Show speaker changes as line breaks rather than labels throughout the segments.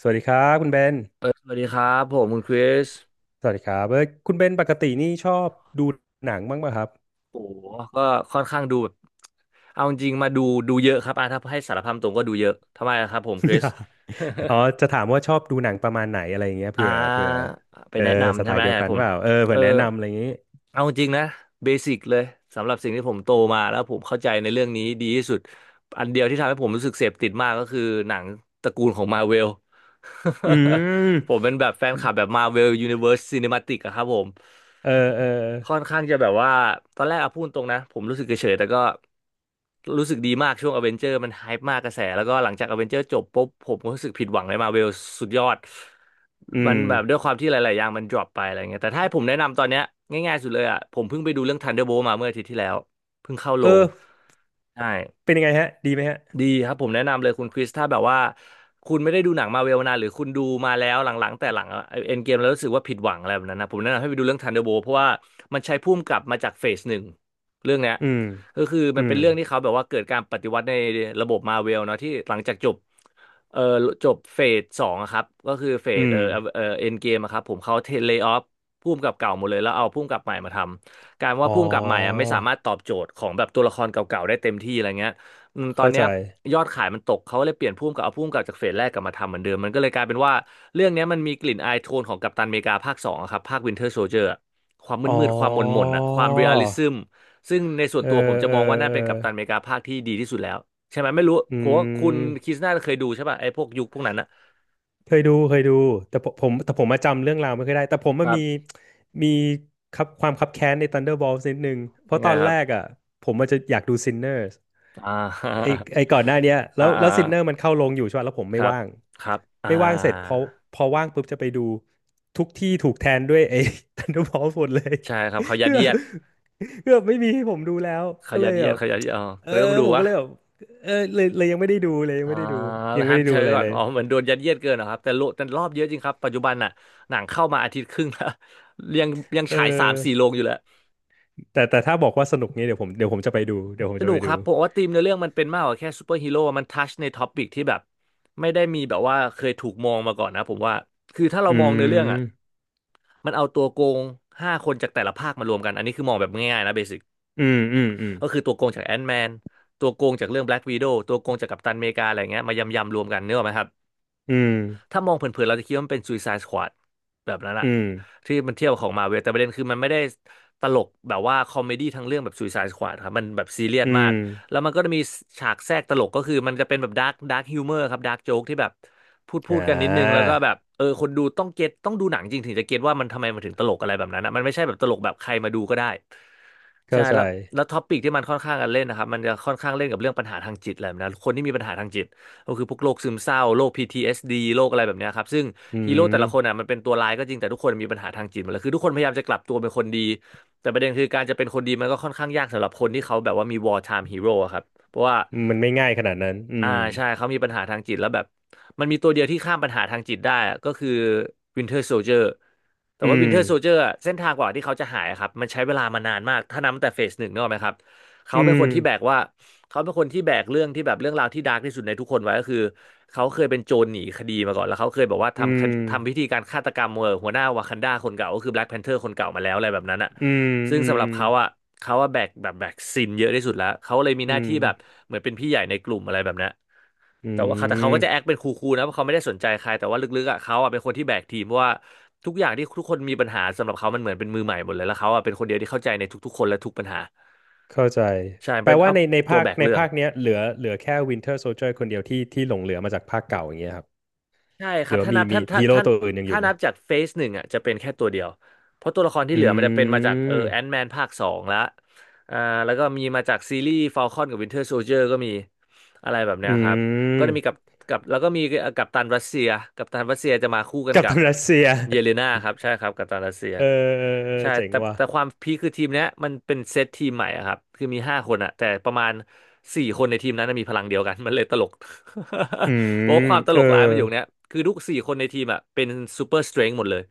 สวัสดีครับคุณเบน
สวัสดีครับผมคุณคริส
สวัสดีครับเอ้ยคุณเบนปกตินี่ชอบดูหนังบ้างป่ะครับ
โอ้โหก็ค่อนข้างดูแบบเอาจริงๆมาดูเยอะครับอ่ะถ้าให้สารภาพตรงก็ดูเยอะทำไมอะครับผมคริส
อ๋อจะถามว่าชอบดูหนังประมาณไหนอะไรอย่างเงี้ย
อ่
เผื่อ
าไป
เออ
แนะ
ส
นำ
ไต
ใช่ไหม
ล์เดี
อ
ย
ยา
ว
ก
กั
ให้
น
ผม
เปล่าเออ
เอ
เผื่
อ
อแนะนำอะไรอย่างงี้
เอาจริงนะเบสิกเลยสำหรับสิ่งที่ผมโตมาแล้วผมเข้าใจในเรื่องนี้ดีที่สุดอันเดียวที่ทำให้ผมรู้สึกเสพติดมากก็คือหนังตระกูลของมาเวล
อื
ผม
ม
เป็นแบบแฟนคลับแบบมาเวลยูนิเว r ร์สซ n นิม t ติกอะครับผม
เออเออ
ค่อนข้างจะแบบว่าตอนแรกอะพูดตรงนะผมรู้สึกเฉยๆแต่ก็รู้สึกดีมากช่วงอเวนเจอร์มันไฮป์มากกระแสแล้วก็หลังจากอเวนเจอร์จบปุ๊บผมก็รู้สึกผิดหวังในมาเวลสุดยอด
อื
มัน
ม
แบบด้วยความที่หลายๆอย่างมันดรอปไปอะไรเงี้ยแต่ถ้าให้ผมแนะนำตอนเนี้ยง่ายๆสุดเลยอะผมเพิ่งไปดูเรื่อง Thunderbolt มาเมื่ออาทิตย์ที่แล้วเพิ่งเข้าโร
เอ
ง
อ
ใช่
เป็นยังไงฮะดีไหมฮะ
ดีครับผมแนะนำเลยคุณคริสถ้าแบบว่าคุณไม่ได้ดูหนังมาเวลนานหรือคุณดูมาแล้วหลังๆแต่หลังเอ็นเกมแล้วรู้สึกว่าผิดหวังอะไรแบบนั้นนะผมแนะนำให้ไปดูเรื่องทันเดอร์โบเพราะว่ามันใช้พุ่มกลับมาจากเฟสหนึ่งเรื่องเนี้ย
อืม
ก็คือ
อื
มันเป็
ม
นเรื่องที่เขาแบบว่าเกิดการปฏิวัติในระบบมาเวลเนาะที่หลังจากจบเอ่อจบเฟสสองอะครับก็คือเฟ
อื
ส
ม
เอ็นเกมครับผมเขาเทเลย์ออฟพุ่มกับเก่าหมดเลยแล้วเอาพุ่มกับใหม่มาทำการว่า
อ๋อ
พุ่มกับใหม่อะไม่สามารถตอบโจทย์ของแบบตัวละครเก่าๆได้เต็มที่อะไรเงี้ย อืมตอน
เข้า
เนี้
ใจ
ยยอดขายมันตกเขาก็เลยเปลี่ยนผู้กำกับเอาผู้กำกับจากเฟสแรกกลับมาทำเหมือนเดิมมันก็เลยกลายเป็นว่าเรื่องเนี้ยมันมีกลิ่นอายโทนของกัปตันอเมริกาภาคสองอะครับภาควินเทอร์โซลเจอร์ความ
อ๋อ
มืดๆความหม่นๆอ่ะความเรียลลิซึมซึ่งในส่วน
เอ
ตัวผม
อ
จะ
เอ
ม
อ
องว่าน่า
เออ
เป็นกัปตันอเมริกาภาคที่ดีที่สุดแล้วใช่ไหมไม่รู้
อื
โคว่าคุณคริส
ม
น่าจะเคยดูใช่ป่ะไอ้พวกยุคพวกนั้นนะ
เคยดูแต่ผมแต่ผมมาจำเรื่องราวไม่ค่อยได้แต่ผม
ค
มัน
รั
มี
บ
มีครับความคับแค้นใน Thunderbolts นิดนึงเพ
ยั
ราะ
ง
ต
ไง
อน
ค
แร
รับ
กอ่ะผมมันจะอยากดู Sinners
อ่า
ไอไอก่อนหน้าเนี้ย แล้
อ่า
ว
อ่า
แล้ว Sinner มันเข้าลงอยู่ใช่ป่ะแล้วผม
ค
ไม่
รับ
ว่าง
ครับอ่า
เสร็จพอพอว่างปุ๊บจะไปดูทุกที่ถูกแทนด้วยไอ้ Thunderbolts หมดเลย
ใช่ครับเขายั
คื
ด
อแบ
เยี
บ
ยด
คือแบบไม่มีให้ผมดูแล้วก็เลยแบบ
เขายัดเยียดอ๋อ
เอ
ก็
อ
เลยต้องดู
ผม
วะ
ก็เลยแบบเออเลยยังไม่ได้ดูเลยยัง
อ่า
ไม่ได้ดูยังไม่
ฮัท
ได้
เช
ดู
ย
อะไร
ก่อน
เลย
อ๋อเหมือนโดนยัดเยียดเกินนะครับแต่โลแต่รอบเยอะจริงครับปัจจุบันน่ะหนังเข้ามาอาทิตย์ครึ่งแล้ว ยังยัง
เอ
ฉายสาม
อ
สี่โรงอยู่เลย
แต่แต่ถ้าบอกว่าสนุกนี้เดี๋ยวผมจะไปดูเดี๋ยวผม
ส
จะ
นุ
ไป
กค
ดู
รับผมว่าธีมในเรื่องมันเป็นมากกว่าแค่ซูเปอร์ฮีโร่มันทัชในท็อปิกที่แบบไม่ได้มีแบบว่าเคยถูกมองมาก่อนนะผมว่าคือถ้าเรา
อื
มองในเรื่องอ่ะ
ม
มันเอาตัวโกงห้าคนจากแต่ละภาคมารวมกันอันนี้คือมองแบบง่ายๆนะเบสิก
อืมอืมอืม
ก็คือตัวโกงจากแอนท์แมนตัวโกงจากเรื่องแบล็กวีโดตัวโกงจากกัปตันอเมริกาอะไรเงี้ยมายำๆรวมกันเนกอะไหมครับ
อืม
ถ้ามองเผินๆ เราจะคิดว่ามันเป็น Suicide Squad แบบนั้นอะ
อืม
ที่มันเทียบของมาเวลแต่ประเด็นคือมันไม่ได้ตลกแบบว่าคอมเมดี้ทั้งเรื่องแบบ Suicide Squad ครับมันแบบซีเรียส
อื
มาก
ม
แล้วมันก็จะมีฉากแทรกตลกก็คือมันจะเป็นแบบดาร์กฮิวเมอร์ครับดาร์กโจ๊กที่แบบพู
อ่
ดกันนิดนึงแล้ว
า
ก็แบบเออคนดูต้องเก็ตต้องดูหนังจริงถึงจะเก็ตว่ามันทำไมมันถึงตลกอะไรแบบนั้นนะมันไม่ใช่แบบตลกแบบใครมาดูก็ได้ใช่
เข้าใจ
แล้วแล้วท็อปิกที่มันค่อนข้างกันเล่นนะครับมันจะค่อนข้างเล่นกับเรื่องปัญหาทางจิตอะไรแบบนะคนที่มีปัญหาทางจิต ก็คือพวกโรคซึมเศร้าโรค PTSD โรคอะไรแบบเนี้ยครับซึ่ง
อื
ฮีโร่แต่ละคน
ม
อ่ะมันเป็นตัวร้ายก็จริงแต่ทุกคนมีปัญหาทางจิตหมดเลยคือทุกคนพยายามจะกลับตัวเป็นคนดีแต่ประเด็นคือการจะเป็นคนดีมันก็ค่อนข้างยากสำหรับคนที่เขาแบบว่ามี war time hero อะครับเพราะว่า
มันไม่ง่ายขนาดนั้นอื
อ่า
ม
ใช่เขามีปัญหาทางจิตแล้วแบบมันมีตัวเดียวที่ข้ามปัญหาทางจิตได้อะก็คือ Winter Soldier แต่
อื
ว่า
ม
Winter Soldier อะเส้นทางกว่าที่เขาจะหายอะครับมันใช้เวลามานานมากถ้านับตั้งแต่เฟสหนึ่งนึกออกไหมครับเขา
อื
เป็นค
ม
นที่แบกว่า เขาเป็นคนที่แบกเรื่องที่แบบเรื่องราวที่ดาร์กที่สุดในทุกคนไว้ก็คือเขาเคยเป็นโจรหนีคดีมาก่อนแล้วเขาเคยบอกว่า
อื
ทำค
ม
ดทำพิธีการฆาตกรรมหัวหน้าวากันดาคนเก่าก็คือแบล็กแพนเทอร์คนเก่ามาแล้วอะไรแบบนั้นอ่ะ
อืม
ซึ่ง
อื
สำห
ม
รับเขาอ่ะเขาว่าแบกแบบแบกซินเยอะที่สุดแล้วเขาเลยมีห
อื
น้า
ม
ที่แบบเหมือนเป็นพี่ใหญ่ในกลุ่มอะไรแบบนั้น
อื
แต่ว่าเขาแต่เขาก็จะแอค
ม
เป็นคูลๆนะเพราะเขาไม่ได้สนใจใครแต่ว่าลึกๆอ่ะเขาอ่ะเป็นคนที่แบกทีมเพราะว่าทุกอย่างที่ทุกคนมีปัญหาสำหรับเขามันเหมือนเป็นมือใหม่หมดเลยแล้วเขาอ่ะเป็นคนเดียวที่เข้าใจในทุกๆคนและทุกปัญหา
เข้าใจ
ใช่
แปล
เป็น
ว่า
อัพ
ใน
ตัว
ภาค
แบก
ใน
เรื่อง
ภาคเนี้ยเหลือแค่ Winter Soldier คนเดียวที่หลงเหลือมาจากภาคเก่าอย่างเงี้ยครับ
ใช่ค
ห
รั
รื
บ
อว่า
ถ้า
มี
นับ
มี
ท่านถ้า
ฮีโร่
ท่าน
ตัวอื่นยังอ
ถ้า
ยู่ไหม
นับจากเฟสหนึ่งอ่ะจะเป็นแค่ตัวเดียวเพราะตัวละครที่
อื
เหลือมันจะเป็นมาจากแอน
ม
แมนภาคสองละอ่าแล้วก็มีมาจากซีรีส์ฟ a ลคอนกับวินเทอร์โซ i เ r อร์ก็มีอะไรแบบ
อื
เนี้ยครับก็จะมีกับ
ม
กับแล้วก็มีกัปตันรัสเซียกัปตันรัสเซียจะมาคู่กัน
กัป
กั
ตั
บ
นรัสเซีย
เยเลนาครับใช่ครับกัปตันรัสเซีย
เออเออเออ
ใช่
เจ๋ง
แต่
ว่ะ
แต่ความพีคคือทีมเนี้ยมันเป็นเซตทีมใหม่อะครับคือมีห้าคนอะแต่ประมาณสี่คนในทีมนั้นนะมีพลังเดียวกัน มันเลยตลก
อื ม
เพราะว่าความต
เอ
ล
อ
กร้ายมันอยู่งเนี้ยคือทุกสี่คนในทีมอะเป็นซูเปอร์สเตรน h หมดเลย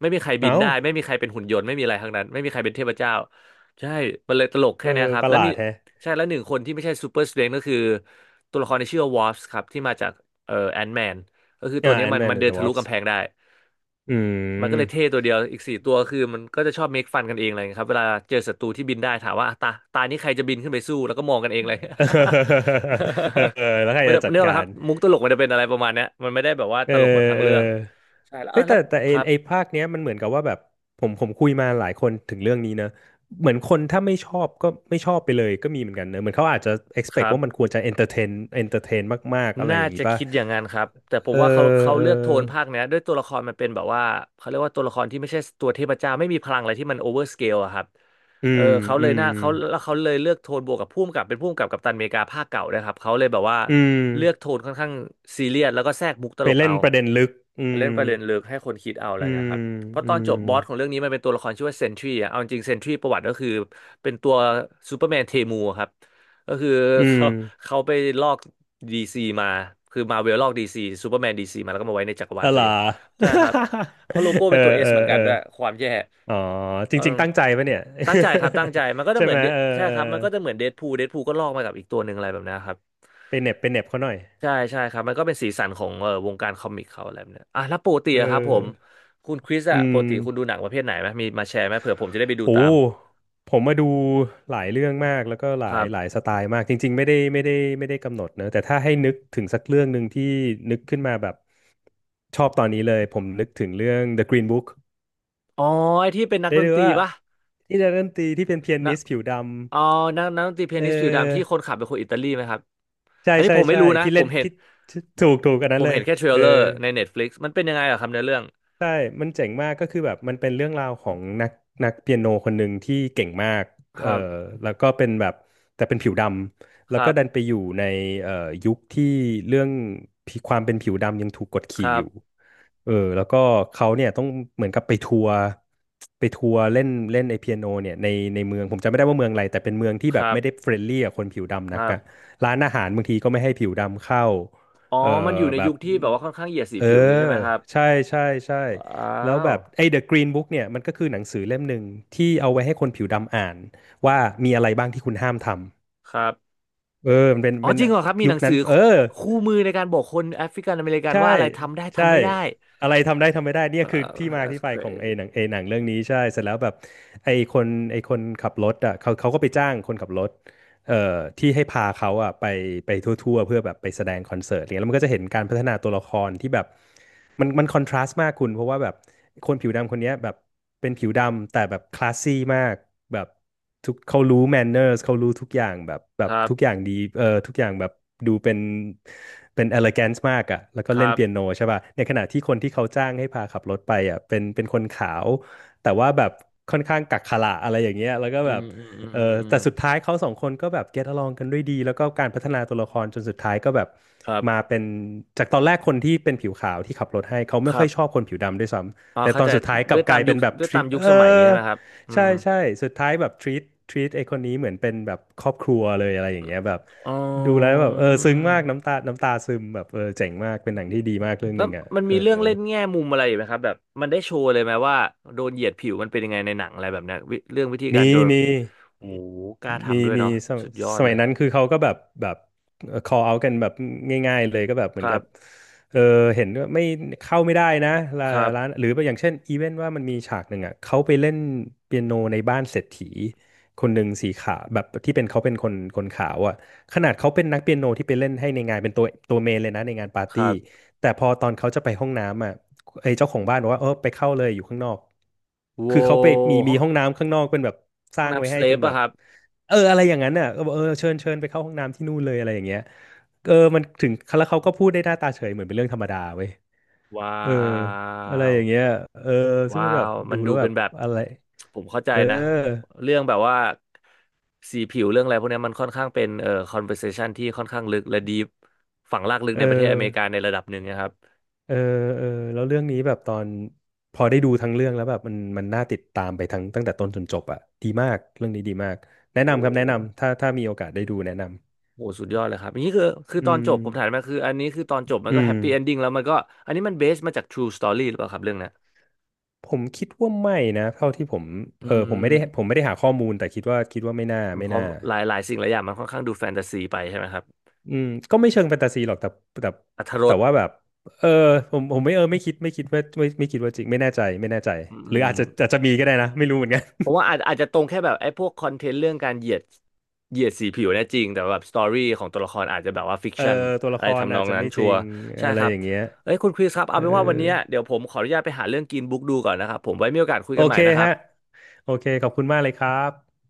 ไม่มีใครบิ
เอ้า
นได้ไม่มีใครเป็นหุ่นยนต์ไม่มีอะไรทั้งนั้นไม่มีใครเป็นเทพเจ้าใช่มันเลยตลก
เอ
แค่เนี้ย
อ
ครับ
ประ
แล้
ห
ว
ลา
มี
ดแฮะ
ใช่แล้วหนึ่งคนที่ไม่ใช่ซูเปอร์สเตรน h ก็คือตัวละครที่ชื่อวอ a สครับที่มาจากแอนแมนก็คือตัว
อ่า
เนี้ย
แอน
มั
ด์
น
แมน
มันเดิ
เด
น
อะว
ทะ
อ
ลุ
ร์ป
กำแพงได้
อื
มันก็
ม
เลยเท่ตัวเดียวอีกสี่ตัวคือมันก็จะชอบเมคฟันกันเองอะไรเงี้ยครับเวลาเจอศัตรูที่บินได้ถามว่าอ่ะตาตานี้ใครจะบินขึ้นไปสู้แล้วก็มองกันเองเลย
เออ เออแล้วใคร
มัน
จะ
จะ
จัด
เนื่องนะค
กา
รั
ร
บมุกตลกมันจะเป็นอะไรประมาณเนี้ยมันไม่ได้แบบว่า
เอ
ต
อ
ลกแบบทาง
เออ
เรื่องใช่แล้ว
เฮ้
อ่ะ
ย
แล้
แต่
ว
แต่ไอ
ครับ
ไอภาคเนี้ยมันเหมือนกับว่าแบบผมคุยมาหลายคนถึงเรื่องนี้นะ เหมือนคนถ้าไม่ชอบก็ไม่ชอบไปเลยก็มีเหมือนกันเนอะเหมือนเขาอาจจะ
ค
expect
รั
ว่ามันค
บ
วรจะ entertain entertain มากๆอะไร
น่า
อย่างงี้
จะ
ป่ะ
คิดอย่างนั้นครับแต่ผม
เอ
ว่าเขา
อ
เขา
เอ
เลือกโท
อ
นภาคเนี้ยด้วยตัวละครมันเป็นแบบว่าเขาเรียกว่าตัวละครที่ไม่ใช่ตัวเทพเจ้าไม่มีพลังอะไรที่มันโอเวอร์สเกลอะครับ
อื
เออ
ม
เขาเล
อื
ยห
ม
น่าเขาแล้วเขาเลยเลือกโทนบวกกับพุ่มกับเป็นพุ่มกับกัปตันอเมริกาภาคเก่าด้วยครับเขาเลยแบบว่า
อืม
เลือกโทนค่อนข้างซีเรียสแล้วก็แทรกมุกต
ไป
ลก
เล่
เอา
นประเด็นลึกอื
ไปเล่น
ม
ประเด็นลึกให้คนคิดเอาอะไร
อื
เงี้
ม
ยครับ เพราะ
อื
ตอน
ม
จบบอสของเรื่องนี้มันเป็นตัวละครชื่อว่าเซนทรีอ่ะเอาจริงเซนทรีประวัติก็คือเป็นตัวซูเปอร์แมนเทมูครับก็คือ
อืม
เขาเขาไปลอกดีซีมาคือมาเวลลอกดีซีซูเปอร์แมนดีซีมาแล้วก็มาไว้ในจักร
ท
วาลตัวเอง
ลา
ใช่ครับ เพราะโลโก้
เออ
เป็นตัวเอ
เอ
สเหมื
อ
อนกั
เอ
น
อ
ด้วยความแย่
อ๋อจ
เออ
ริงๆตั้งใจปะเนี่ย
ตั้งใจครับตั้งใจมันก็ จะ
ใช่
เหมื
ไห
อ
ม
น Dead-
เออ
ใช่
เออ
ครับมันก็จะเหมือนเดดพูลเดดพูลก็ลอกมากับอีกตัวหนึ่งอะไรแบบนี้ครับ
ไปเหน็บเขาหน่อย
ใช่ใช่ครับมันก็เป็นสีสันของวงการคอมิกเขาอะไรแบบเนี้ยอ่ะแล้วปกติ
เอ
อะครับผม
อ
คุณคริส
อื
อะป
ม
กติคุณดูหนังประเภทไหนไหมมีมาแชร์ไหมเผื่อผมจะได้ไปดู
โ
ตาม
หผมมาดูหลายเรื่องมากแล้วก็ห
ค
ลา
รั
ยหลาย
บ
สไตล์มากจริงๆไม่ได้กำหนดเนอะแต่ถ้าให้นึกถึงสักเรื่องหนึ่งที่นึกขึ้นมาแบบชอบตอนนี้เลยผมนึกถึงเรื่อง The Green Book
อ๋อไอที่เป็นนัก
ได้
ดน
ดู
ตรี
ว่า
ปะ
ที่นักดนตรีที่เป็นเปีย
นะ
นิสผิวด
อ๋อนักนักดนตรีเปี
ำเอ
ยนิสผิวดำที่
อ
คนขับเป็นคนอิตาลีไหมครับอันนี้ผมไม่
ใช่
รู้นะ
ที่
ผ
เล่น
มเห็น
ที่ที่ถูกอัน
ผ
นั้น
ม
เล
เห็
ย
นแค่เทร
เอ
ล
อ
เลอร์ใน Netflix มันเป็นยังไงอะครับในเรื่อง
ใช่มันเจ๋งมากก็คือแบบมันเป็นเรื่องราวของนักเปียโนคนหนึ่งที่เก่งมาก
ค
เออ
รับ
แล้วก็เป็นแบบแต่เป็นผิวดำ
ค
แล้ว
รั
ก็ดันไป
บ
อยู่ในเอ่อยุคที่เรื่องผิวความเป็นผิวดำยังถูกกด
ค
ขี่
รั
อยู่
บ
เออแล้วก็เขาเนี่ยต้องเหมือนกับไปทัวร์ไปทัวร์เล่นเล่นไอเปียโนเนี่ยในเมืองผมจำไม่ได้ว่าเมืองอะไรแต่เป็นเมืองที่
ค
แบบ
รั
ไม่ได้
บ
เฟรนลี่กับคนผิวดำ
ค
นัก
รั
อะ
บ
ร้านอาหารบางทีก็ไม่ให้ผิวดำเข้า
อ๋อ
เออ
มันอยู่ใน
แบ
ยุ
บ
คที่แบบว่าค่อนข้างเหยียดสี
เอ
ผิวอย่างนี้ใช่
อ
ไหมครับ
ใช่ใช่ใช่
ว้า
แล้ว
ว
แบบไอ้ The Green Book เนี่ยมันก็คือหนังสือเล่มหนึ่งที่เอาไว้ให้คนผิวดำอ่านว่ามีอะไรบ้างที่คุณห้ามทำ
ครับ
เออมันเป็น
อ๋อ
เป็น
จริงเหรอครับมี
ยุ
หนั
ค
ง
นั้
สื
น
อ
เออ
คู่มือในการบอกคนแอฟริกันอเมริกัน
ใช่
ว่าอะไรทำได้
ใช่
ทำไม่ได้
อะไรทำได้ทำไม่ได้เนี่ย
เอ่
คือ
อ
ที่มาที่
that's
ไปของ
crazy
ไอ้หนังเรื่องนี้ใช่เสร็จแล้วแบบไอ้คนไอ้คนขับรถอ่ะเขาก็ไปจ้างคนขับรถ เอ่อที่ให้พาเขาอะไปไปทั่วๆเพื่อแบบไปแสดงคอนเสิร์ตอะไรเงี้ยแล้วมันก็จะเห็นการพัฒนาตัวละครที่แบบมันคอนทราสต์มากคุณเพราะว่าแบบคนผิวดำคนเนี้ยแบบเป็นผิวดำแต่แบบคลาสซี่มากแบบทุกเขารู้แมนเนอร์สเขารู้ทุกอย่างแบบแบ
ค
บ
รั
ทุกอ
บ
ย่างดีทุกอย่างแบบดูเป็นเอเล g แกนซ์มากอะแล้วก็
ครั
เล่นเปียโน
บ
ใช่ป่ะในขณะที่คนที่เขาจ้างให้พาขับรถไปอะเป็นคนขาวแต่ว่าแบบค่อนข้างกักขระอะไรอย่างเงี้ยแล้วก็
อื
แบบ
มอืมอืม
เออ
อืมอืม
แต่สุดท้ายเขาสองคนก็แบบ get along กันด้วยดีแล้วก็การพัฒนาตัวละครจนสุดท้ายก็แบบ
ครั
มา
บ
เป็นจากตอนแรกคนที่เป็นผิวขาวที่ขับรถให้เขา
ค
ไม่
รั
ค่อยชอบ
บ
คนผิวดำด้วยซ้
อ๋อ
ำแต่ต
เข้า
อน
ใจ
สุดท้ายก
ด้
ลั
ว
บ
ย
ก
ตา
ลา
ม
ย
ยุ
เป็
ค
นแบบ
ด้วยตาม
treat
ยุ
เอ
ค
อ
สมัยอย่างนี้ใช่ไหมครับอื
ใช่
ม
ใช่สุดท้ายแบบ treat ไอ้คนนี้เหมือนเป็นแบบครอบครัวเลยอะไรอย่างเงี้ยแบบ
อ๋อ
ดูแล้วแบบเออซึ้งมากน้ำตาซึมแบบเออเจ๋งมากเป็นหนังที่ดีมากเรื่องห
แล้ว
นึ่งอ่ะ
มัน
เอ
มี
อ
เรื่องเล่นแง่มุมอะไรอยู่ไหมครับแบบมันได้โชว์เลยไหมว่าโดนเหยียดผิวมันเป็นยังไงในหนังอะไรแบบเนี้ยวิเรื่องวิธีกา
มี
รโดน
มี
โอ้โหกล้า
มี
ทำด้วย
มี
เนาะ
สม
สุดยอ
ส
ดเล
มัย
ย
นั้นคือเขาก็แบบcall out กันแบบง่ายๆเลยก็แบบเหมื
ค
อน
รั
กับ
บ
เออเห็นว่าไม่เข้าไม่ได้นะร้า
ครับ
ร้านหรืออย่างเช่นอีเวนต์ว่ามันมีฉากหนึ่งอ่ะเขาไปเล่นเปียโนในบ้านเศรษฐีคนหนึ่งสีขาวแบบที่เป็นเขาเป็นคนขาวอ่ะขนาดเขาเป็นนักเปียโนที่ไปเล่นให้ในงานเป็นตัวเมนเลยนะในงานปาร์
ค
ตี้
รับ
แต่พอตอนเขาจะไปห้องน้ำอ่ะ ไอ้เจ้าของบ้านบอกว่าเออไปเข้าเลยอยู่ข้างนอก
โว้
คือเขาไปมี
ห้
มี
อง
ห้องน้ำข้างนอกเป็นแบบส
ห้อง
ร้างไว้
น้ำส
ให้
เล
เป็
ป
นแบ
อะ
บ
ครับ
เอออะไรอย่างนั้นน่ะก็บอกเออเชิญเชิญไปเข้าห้องน้ำที่นู่นเลยอะไรอย่างเงี้ยเออมันถึงแล้วเขาก็พูดได้หน้าตาเฉยเหมือนเป็นเรื่องธรรมดาเว้ย
ว้า
เอออะไรอย่างเงี้ย
ว
เออซึ่ง
ว้า
มันแบบ
ว
ดู
มันดู
แล้วแบ
เป็น
บ
แบบ
อะไร
ผมเข้าใจ
เออ
นะเรื่องแบบว่าสีผิวเรื่องอะไรพวกเนี้ยมันค่อนข้างเป็นconversation ที่ค่อนข้างลึกและดีฝังรากลึก
เอ
ในประเทศอเมริกา
อ
ในระดับหนึ่งนะครับ
เออเออแล้วเรื่องนี้แบบตอนพอได้ดูทั้งเรื่องแล้วแบบมันน่าติดตามไปทั้งตั้งแต่ต้นจนจบอ่ะดีมากเรื่องนี้ดีมากแนะ
โอ้
นำครับแนะนำถ้ามีโอกาสได้ดูแนะน
โหสุดยอดเลยครับนี่คือคื
ำ
อ
อื
ตอนจ
ม
บผมถามมาคืออันนี้คือตอนจบมันก็
อื
แฮ
ม
ปปี้เอนดิ้งแล้วมันก็อันนี้มันเบสมาจาก True Story หรือเปล่าครับเรื่องเนี้ย
ผมคิดว่าไม่นะเท่าที่ผม
อื
เออผมไม่ได้ผ
ม
มไม่ได้หาข้อมูลแต่คิดว่าไม่น่าไม่
เพราะ
น่า
หลายหลายสิ่งหลายอย่างมันค่อนข้างดูแฟนตาซีไปใช่ไหมครับ
อืมก็ไม่เชิงแฟนตาซีหรอกแต่
อรรถร
แต่
ส
ว่าแบบเออผมไม่เออไม่คิดไม่คิดว่าไม่ไม่คิดว่าจริงไม่แน่ใจ
อื
หรือ
ม
อาจจะมีก็ได้นะไม่รู้เหมือนกัน
ผม ว่าอาจอาจจะตรงแค่แบบไอ้พวกคอนเทนต์เรื่องการเหยียดเหยียดสีผิวเนี่ยจริงแต่แบบสตอรี่ของตัวละครอาจจะแบบว่าฟิก
เออ
ชัน
ตัวละ
อะ
ค
ไร
ร
ทำน
อา
อ
จ
ง
จะ
นั้น
ไม่จ
ชั
ริ
วร์
ง
ใช่
อะไร
ครั
อ
บ
ย่างเงี้ย
เอ้ยคุณคริสครับ
เอ
เอา
อ
เป็นว่าวันเนี้ยเดี๋ยวผมขออนุญาตไปหาเรื่องกินบุ๊กดูก่อนนะครับผมไว้มีโอกาสคุย
โอ
กันใหม่
เค
นะครับ
ฮะโอเคขอบคุณมากเลยครับ